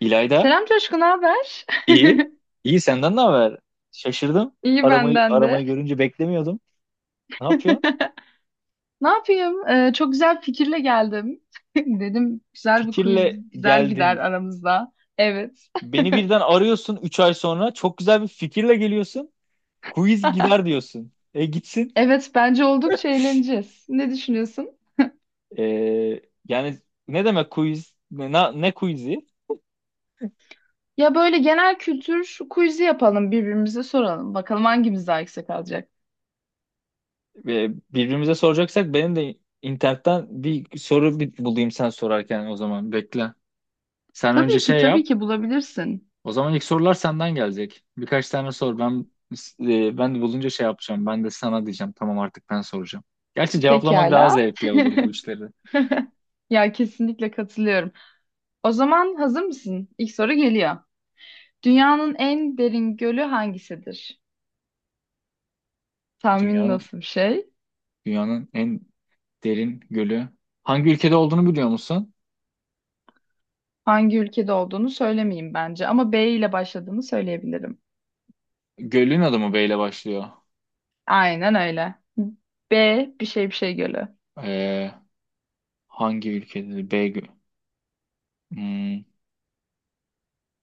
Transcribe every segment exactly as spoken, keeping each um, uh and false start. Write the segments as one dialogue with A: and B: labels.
A: İlayda,
B: Selam Coşku, ne haber?
A: iyi. İyi senden ne haber? Şaşırdım.
B: İyi
A: Aramayı
B: benden de.
A: aramayı görünce beklemiyordum. Ne yapıyorsun?
B: Ne yapayım? Ee, çok güzel bir fikirle geldim. Dedim güzel bir
A: Fikirle
B: quiz güzel gider
A: geldin.
B: aramızda. Evet.
A: Beni birden arıyorsun üç ay sonra. Çok güzel bir fikirle geliyorsun. Quiz gider diyorsun. E gitsin.
B: Evet, bence oldukça eğleneceğiz. Ne düşünüyorsun?
A: E, Yani ne demek quiz? Ne, na- ne quiz'i?
B: Ya böyle genel kültür quiz'i yapalım, birbirimize soralım. Bakalım hangimiz daha yüksek alacak.
A: E, birbirimize soracaksak benim de internetten bir soru bir bulayım sen sorarken o zaman. Bekle. Sen önce
B: Tabii ki,
A: şey
B: tabii
A: yap.
B: ki bulabilirsin.
A: O zaman ilk sorular senden gelecek. Birkaç tane sor. Ben e, ben de bulunca şey yapacağım. Ben de sana diyeceğim. Tamam, artık ben soracağım. Gerçi cevaplamak daha
B: Pekala.
A: zevkli olur bu işleri.
B: Ya kesinlikle katılıyorum. O zaman hazır mısın? İlk soru geliyor. Dünyanın en derin gölü hangisidir? Tahmin
A: Dünyanın
B: nasıl bir şey?
A: dünyanın en derin gölü. Hangi ülkede olduğunu biliyor musun?
B: Hangi ülkede olduğunu söylemeyeyim bence ama B ile başladığını söyleyebilirim.
A: Gölün adı mı B ile başlıyor?
B: Aynen öyle. B bir şey bir şey gölü.
A: Ee, Hangi ülkede? B gö- Hmm,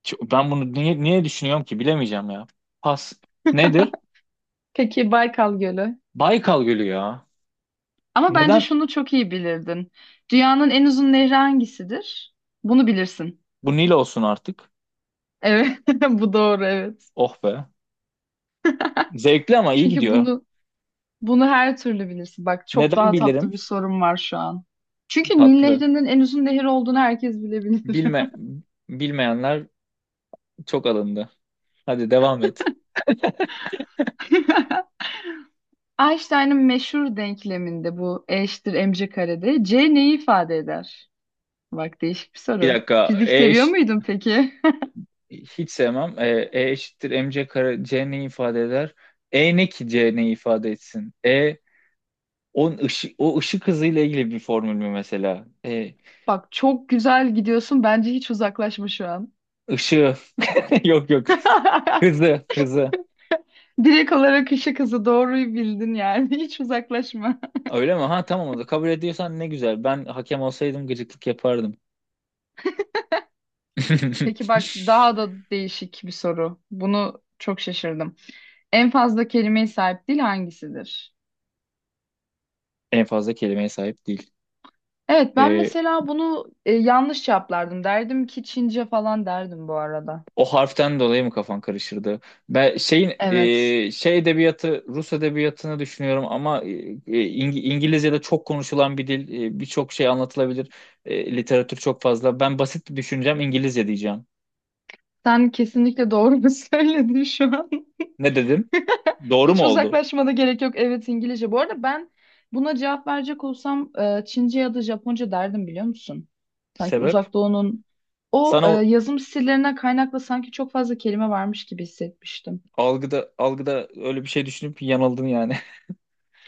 A: ç- Ben bunu niye niye düşünüyorum ki? Bilemeyeceğim ya. Pas. Nedir?
B: Peki Baykal Gölü.
A: Baykal Gölü ya.
B: Ama bence
A: Neden?
B: şunu çok iyi bilirdin. Dünyanın en uzun nehri hangisidir? Bunu bilirsin.
A: Bu Nil olsun artık.
B: Evet, bu doğru evet.
A: Oh be. Zevkli ama iyi
B: Çünkü
A: gidiyor.
B: bunu bunu her türlü bilirsin. Bak çok
A: Neden
B: daha
A: bilirim?
B: tatlı bir sorum var şu an. Çünkü Nil
A: Tatlı.
B: Nehri'nin en uzun nehir olduğunu herkes bilebilir.
A: Bilme, bilmeyenler çok alındı. Hadi devam et.
B: Einstein'ın meşhur denkleminde bu E eşittir mc karede C neyi ifade eder? Bak değişik bir
A: Bir
B: soru.
A: dakika.
B: Fizik
A: E
B: seviyor
A: eş,
B: muydun peki?
A: hiç sevmem. E, E eşittir mc kare c ne ifade eder? E ne ki c ne ifade etsin? E on ışı, o ışık hızıyla ilgili bir formül mü mesela? E
B: Bak çok güzel gidiyorsun. Bence hiç uzaklaşma şu an.
A: ışığı yok, yok. Hızı, hızı.
B: Direkt olarak ışık hızı doğruyu bildin yani. Hiç uzaklaşma.
A: Öyle mi? Ha, tamam, o da kabul ediyorsan ne güzel. Ben hakem olsaydım gıcıklık yapardım.
B: Peki bak daha da değişik bir soru. Bunu çok şaşırdım. En fazla kelimeye sahip dil hangisidir?
A: En fazla kelimeye sahip değil.
B: Evet ben
A: E,
B: mesela bunu e, yanlış cevaplardım. Derdim ki Çince falan derdim bu arada.
A: O harften dolayı mı kafan karışırdı? Ben şeyin
B: Evet.
A: e, şey edebiyatı, Rus edebiyatını düşünüyorum ama e, e, İng- İngilizce'de çok konuşulan bir dil, e, birçok şey anlatılabilir. E, literatür çok fazla. Ben basit düşüneceğim, İngilizce diyeceğim.
B: Sen kesinlikle doğru söyledin şu an.
A: Ne dedim? Doğru
B: Hiç
A: mu oldu?
B: uzaklaşmada gerek yok. Evet İngilizce. Bu arada ben buna cevap verecek olsam e, Çince ya da Japonca derdim biliyor musun? Sanki
A: Sebep?
B: Uzak Doğu'nun o
A: Sana
B: e,
A: o
B: yazım stillerinden kaynaklı sanki çok fazla kelime varmış gibi hissetmiştim.
A: algıda algıda öyle bir şey düşünüp yanıldın yani.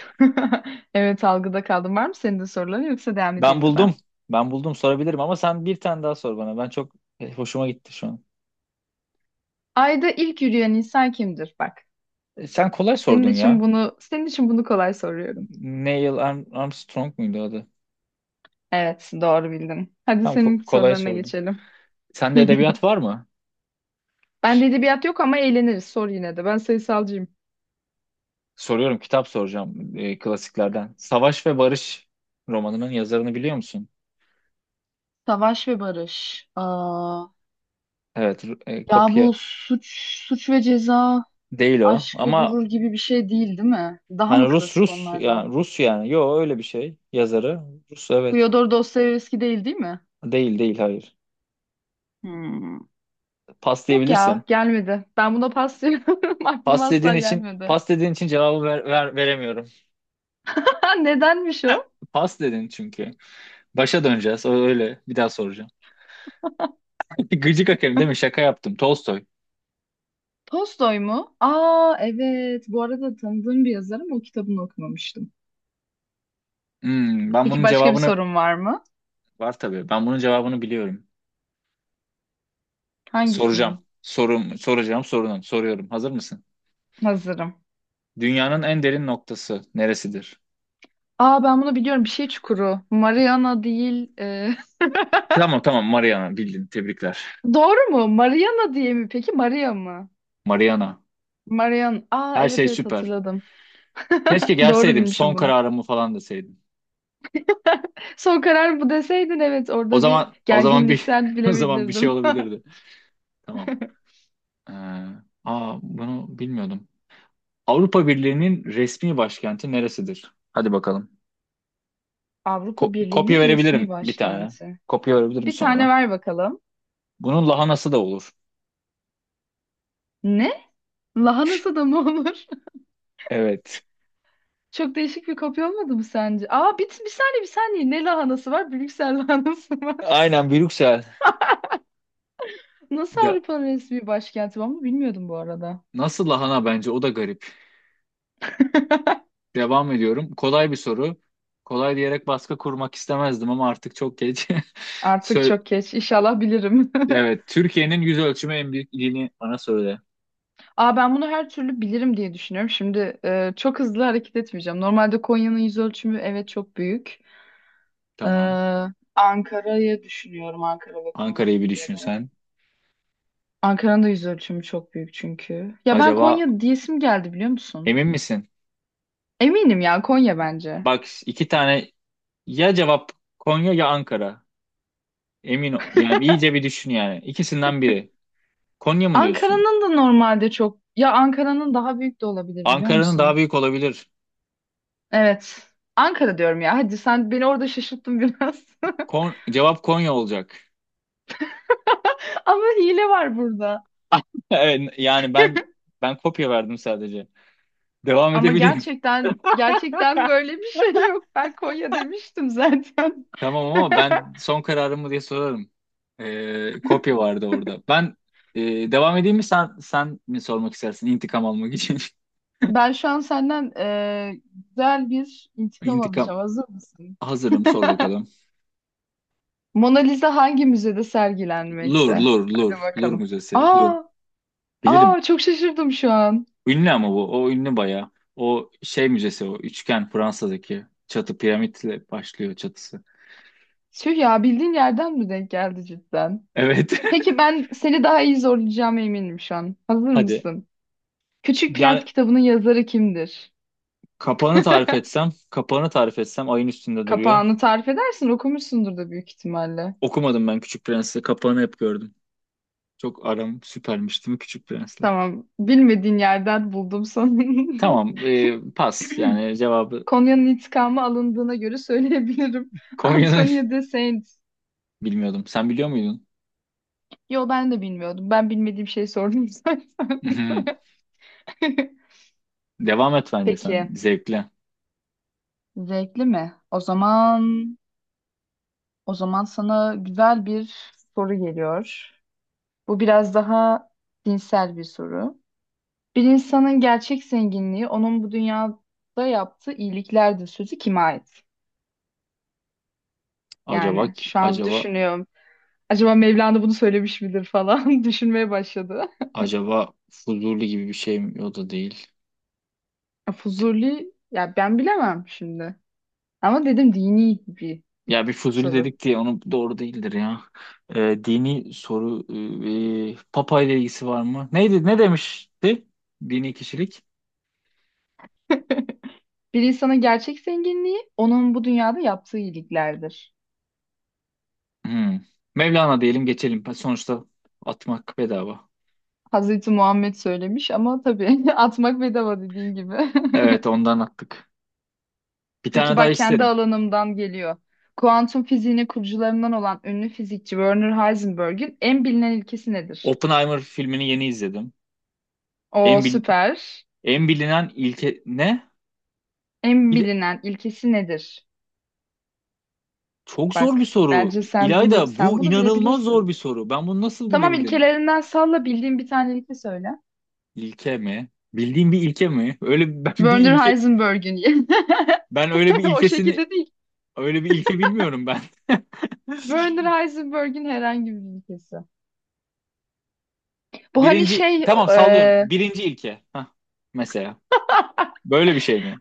B: Evet algıda kaldım. Var mı senin de soruların yoksa devam edeyim
A: Ben
B: mi ben?
A: buldum. Ben buldum, sorabilirim ama sen bir tane daha sor bana. Ben çok e, hoşuma gitti şu an.
B: Ayda ilk yürüyen insan kimdir? Bak.
A: E, sen kolay
B: Senin
A: sordun
B: için
A: ya.
B: bunu senin için bunu kolay soruyorum.
A: Neil Arm- Armstrong muydu adı?
B: Evet, doğru bildin. Hadi
A: Tam ko-
B: senin
A: kolay
B: sorularına
A: sordum.
B: geçelim.
A: Sende edebiyat var mı?
B: Ben de edebiyat yok ama eğleniriz. Sor yine de. Ben sayısalcıyım.
A: Soruyorum, kitap soracağım e, klasiklerden. Savaş ve Barış romanının yazarını biliyor musun?
B: Savaş ve Barış. Aa,
A: Evet, Ru- e,
B: ya
A: kopya
B: bu suç, suç ve ceza,
A: değil o.
B: aşk ve
A: Ama
B: gurur gibi bir şey değil, değil mi? Daha mı
A: hani Rus,
B: klasik
A: Rus
B: onlardan?
A: yani, Rus yani. Yo, öyle bir şey. Yazarı Rus, evet.
B: Fyodor Dostoyevski değil, değil mi?
A: Değil, değil, hayır.
B: Hmm.
A: Pas
B: Yok
A: diyebilirsin.
B: ya, gelmedi. Ben buna paslıyorum.
A: Pas
B: Aklıma
A: dediğin
B: asla
A: için
B: gelmedi.
A: pas dediğin için cevabı ver, ver- veremiyorum.
B: Nedenmiş
A: Eh,
B: o?
A: Pas dedin çünkü. Başa döneceğiz. O öyle. Bir daha soracağım. Gıcık Akemi değil mi? Şaka yaptım. Tolstoy.
B: Tolstoy mu? Aa evet. Bu arada tanıdığım bir yazar ama o kitabını okumamıştım.
A: Hmm, ben
B: Peki
A: bunun
B: başka bir
A: cevabını.
B: sorun var mı?
A: Var tabii. Ben bunun cevabını biliyorum. Soracağım.
B: Hangisinin?
A: Sorum, soracağım sorunum. Soruyorum. Hazır mısın?
B: Hazırım.
A: Dünyanın en derin noktası neresidir?
B: Aa ben bunu biliyorum. Bir şey çukuru. Mariana değil. e,
A: Tamam, tamam, Mariana bildin. Tebrikler.
B: Doğru mu? Mariana diye mi peki? Maria mı?
A: Mariana.
B: Marian. Aa
A: Her
B: evet
A: şey
B: evet
A: süper.
B: hatırladım.
A: Keşke
B: Doğru
A: gelseydim,
B: bilmişim
A: son
B: bunu.
A: kararımı falan deseydim.
B: Son karar bu deseydin evet
A: O
B: orada bir
A: zaman o zaman bir
B: gerginlikten
A: o zaman bir şey
B: bilemeyebilirdim.
A: olabilirdi. Tamam. Ee, Aa, bunu bilmiyordum. Avrupa Birliği'nin resmi başkenti neresidir? Hadi bakalım.
B: Avrupa
A: Ko- kopya
B: Birliği'nin resmi
A: verebilirim bir tane.
B: başkenti.
A: Kopya verebilirim
B: Bir tane
A: sonra.
B: ver bakalım.
A: Bunun lahanası da olur.
B: Ne? Lahanası da mı olur?
A: Evet.
B: Çok değişik bir kopya olmadı mı sence? Aa bir, bir saniye bir saniye. Ne lahanası var? Brüksel lahanası var.
A: Aynen, Brüksel.
B: Nasıl
A: De,
B: Avrupa'nın resmi başkenti? Ben bunu bilmiyordum bu arada.
A: Nasıl lahana, bence o da garip. Devam ediyorum. Kolay bir soru. Kolay diyerek baskı kurmak istemezdim ama artık çok geç.
B: Artık
A: Sö-
B: çok geç. İnşallah bilirim.
A: evet, Türkiye'nin yüz ölçümü en büyük ilini bana söyle.
B: Aa ben bunu her türlü bilirim diye düşünüyorum. Şimdi e, çok hızlı hareket etmeyeceğim. Normalde Konya'nın yüz ölçümü evet çok büyük.
A: Tamam.
B: Ee, Ankara'yı düşünüyorum Ankara ve
A: Ankara'yı
B: Konya'ya
A: bir düşün
B: göre.
A: sen.
B: Ankara'nın da yüz ölçümü çok büyük çünkü. Ya ben
A: Acaba
B: Konya diyesim geldi biliyor musun?
A: emin misin?
B: Eminim ya Konya bence.
A: Bak, iki tane ya cevap: Konya ya Ankara. Emin ol- yani iyice bir düşün yani. İkisinden biri. Konya mı diyorsun?
B: Ankara'nın da normalde çok ya Ankara'nın daha büyük de olabilir biliyor
A: Ankara'nın daha
B: musun?
A: büyük olabilir.
B: Evet. Ankara diyorum ya. Hadi sen beni orada şaşırttın biraz.
A: Kon- cevap Konya olacak.
B: Ama hile var burada.
A: Evet, yani ben ben kopya verdim sadece. Devam
B: Ama
A: edebilirim.
B: gerçekten gerçekten böyle bir şey yok. Ben Konya demiştim zaten.
A: Tamam, ama ben son kararımı diye sorarım. Ee, kopya vardı orada. Ben e, devam edeyim mi, sen sen mi sormak istersin intikam almak için?
B: Ben şu an senden eee, güzel bir intikam
A: İntikam.
B: alacağım. Hazır mısın?
A: Hazırım, sor bakalım.
B: Mona Lisa hangi müzede
A: Lur,
B: sergilenmekte?
A: Lur,
B: Hadi
A: Lur, Lur
B: bakalım.
A: Müzesi. Lur.
B: Aa,
A: Bilirim.
B: aa çok şaşırdım şu an.
A: Ünlü ama bu. O ünlü bayağı. O şey müzesi o. Üçgen, Fransa'daki. Çatı piramitle başlıyor çatısı.
B: Tüh ya bildiğin yerden mi denk geldi cidden?
A: Evet.
B: Peki ben seni daha iyi zorlayacağıma eminim şu an. Hazır
A: Hadi.
B: mısın? Küçük Prens
A: Yani
B: kitabının yazarı kimdir?
A: kapağını tarif etsem, kapağını tarif etsem, ayın üstünde duruyor.
B: Kapağını tarif edersin, okumuşsundur da büyük ihtimalle.
A: Okumadım ben Küçük Prens'i. Kapağını hep gördüm. Çok aram süpermiş değil mi Küçük Prens'le?
B: Tamam. Bilmediğin yerden buldum sonunda.
A: Tamam, e, pas. Yani cevabı
B: Konya'nın intikamı alındığına göre söyleyebilirim.
A: Konya'nın
B: Antonio de Saint.
A: bilmiyordum. Sen biliyor muydun?
B: Yo ben de bilmiyordum. Ben bilmediğim şey sordum zaten.
A: Mhm. Devam et, bence sen
B: Peki.
A: zevkle.
B: Zevkli mi? O zaman o zaman sana güzel bir soru geliyor. Bu biraz daha dinsel bir soru. Bir insanın gerçek zenginliği onun bu dünyada yaptığı iyiliklerdir sözü kime ait?
A: Acaba
B: Yani şu an
A: acaba
B: düşünüyorum. Acaba Mevlana bunu söylemiş midir falan düşünmeye başladı.
A: acaba Fuzuli gibi bir şey mi? O da değil.
B: Fuzuli ya ben bilemem şimdi. Ama dedim dini bir
A: Ya bir Fuzuli
B: soru.
A: dedik diye onu doğru değildir ya. E, dini soru, e, Papa ile ilgisi var mı? Neydi? Ne demişti? Dini kişilik.
B: Bir insanın gerçek zenginliği onun bu dünyada yaptığı iyiliklerdir.
A: Hmm. Mevlana diyelim, geçelim. Sonuçta atmak bedava.
B: Hazreti Muhammed söylemiş ama tabii atmak bedava dediğin gibi.
A: Evet, ondan attık. Bir
B: Peki
A: tane daha
B: bak kendi
A: isterim.
B: alanımdan geliyor. Kuantum fiziğinin kurucularından olan ünlü fizikçi Werner Heisenberg'in en bilinen ilkesi nedir?
A: Oppenheimer filmini yeni izledim.
B: O
A: En, bil-
B: süper.
A: En bilinen ilke ne?
B: En
A: Bir de-
B: bilinen ilkesi nedir?
A: Çok zor
B: Bak
A: bir soru.
B: bence sen bunu
A: İlayda,
B: sen
A: bu
B: bunu
A: inanılmaz zor bir
B: bilebilirsin.
A: soru. Ben bunu nasıl
B: Tamam
A: bilebilirim?
B: ilkelerinden salla bildiğin bir tane ilke söyle.
A: İlke mi? Bildiğim bir ilke mi? Öyle ben bir
B: Werner
A: ilke,
B: Heisenberg'in
A: ben öyle bir
B: o
A: ilkesini,
B: şekilde değil.
A: öyle bir ilke bilmiyorum ben.
B: Werner Heisenberg'in herhangi bir ilkesi. Bu hani
A: Birinci,
B: şey
A: tamam, sallıyorum.
B: e,
A: Birinci ilke. Hah, mesela. Böyle bir şey mi?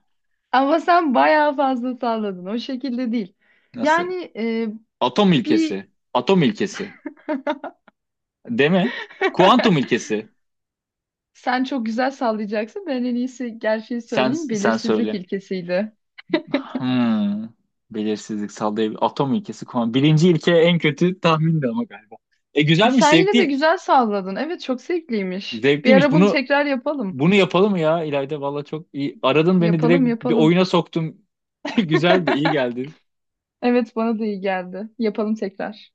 B: ama sen bayağı fazla salladın. O şekilde değil.
A: Nasıl?
B: Yani e,
A: Atom
B: bir
A: ilkesi. Atom ilkesi. Değil mi? Kuantum ilkesi.
B: sen çok güzel sallayacaksın. Ben en iyisi gerçeği
A: Sen
B: söyleyeyim.
A: sen
B: Belirsizlik
A: söyle.
B: ilkesiydi.
A: Hmm. Belirsizlik sallayabilir. Atom ilkesi. Kuantum. Birinci ilke en kötü tahmindi ama galiba. E güzelmiş,
B: Sen yine de
A: zevkli.
B: güzel salladın. Evet çok zevkliymiş. Bir
A: Zevkliymiş.
B: ara bunu
A: Bunu
B: tekrar yapalım.
A: bunu yapalım ya İlayda. Valla çok iyi. Aradın beni, direkt
B: Yapalım
A: bir
B: yapalım.
A: oyuna soktum. Güzeldi, iyi geldi.
B: Evet bana da iyi geldi. Yapalım tekrar.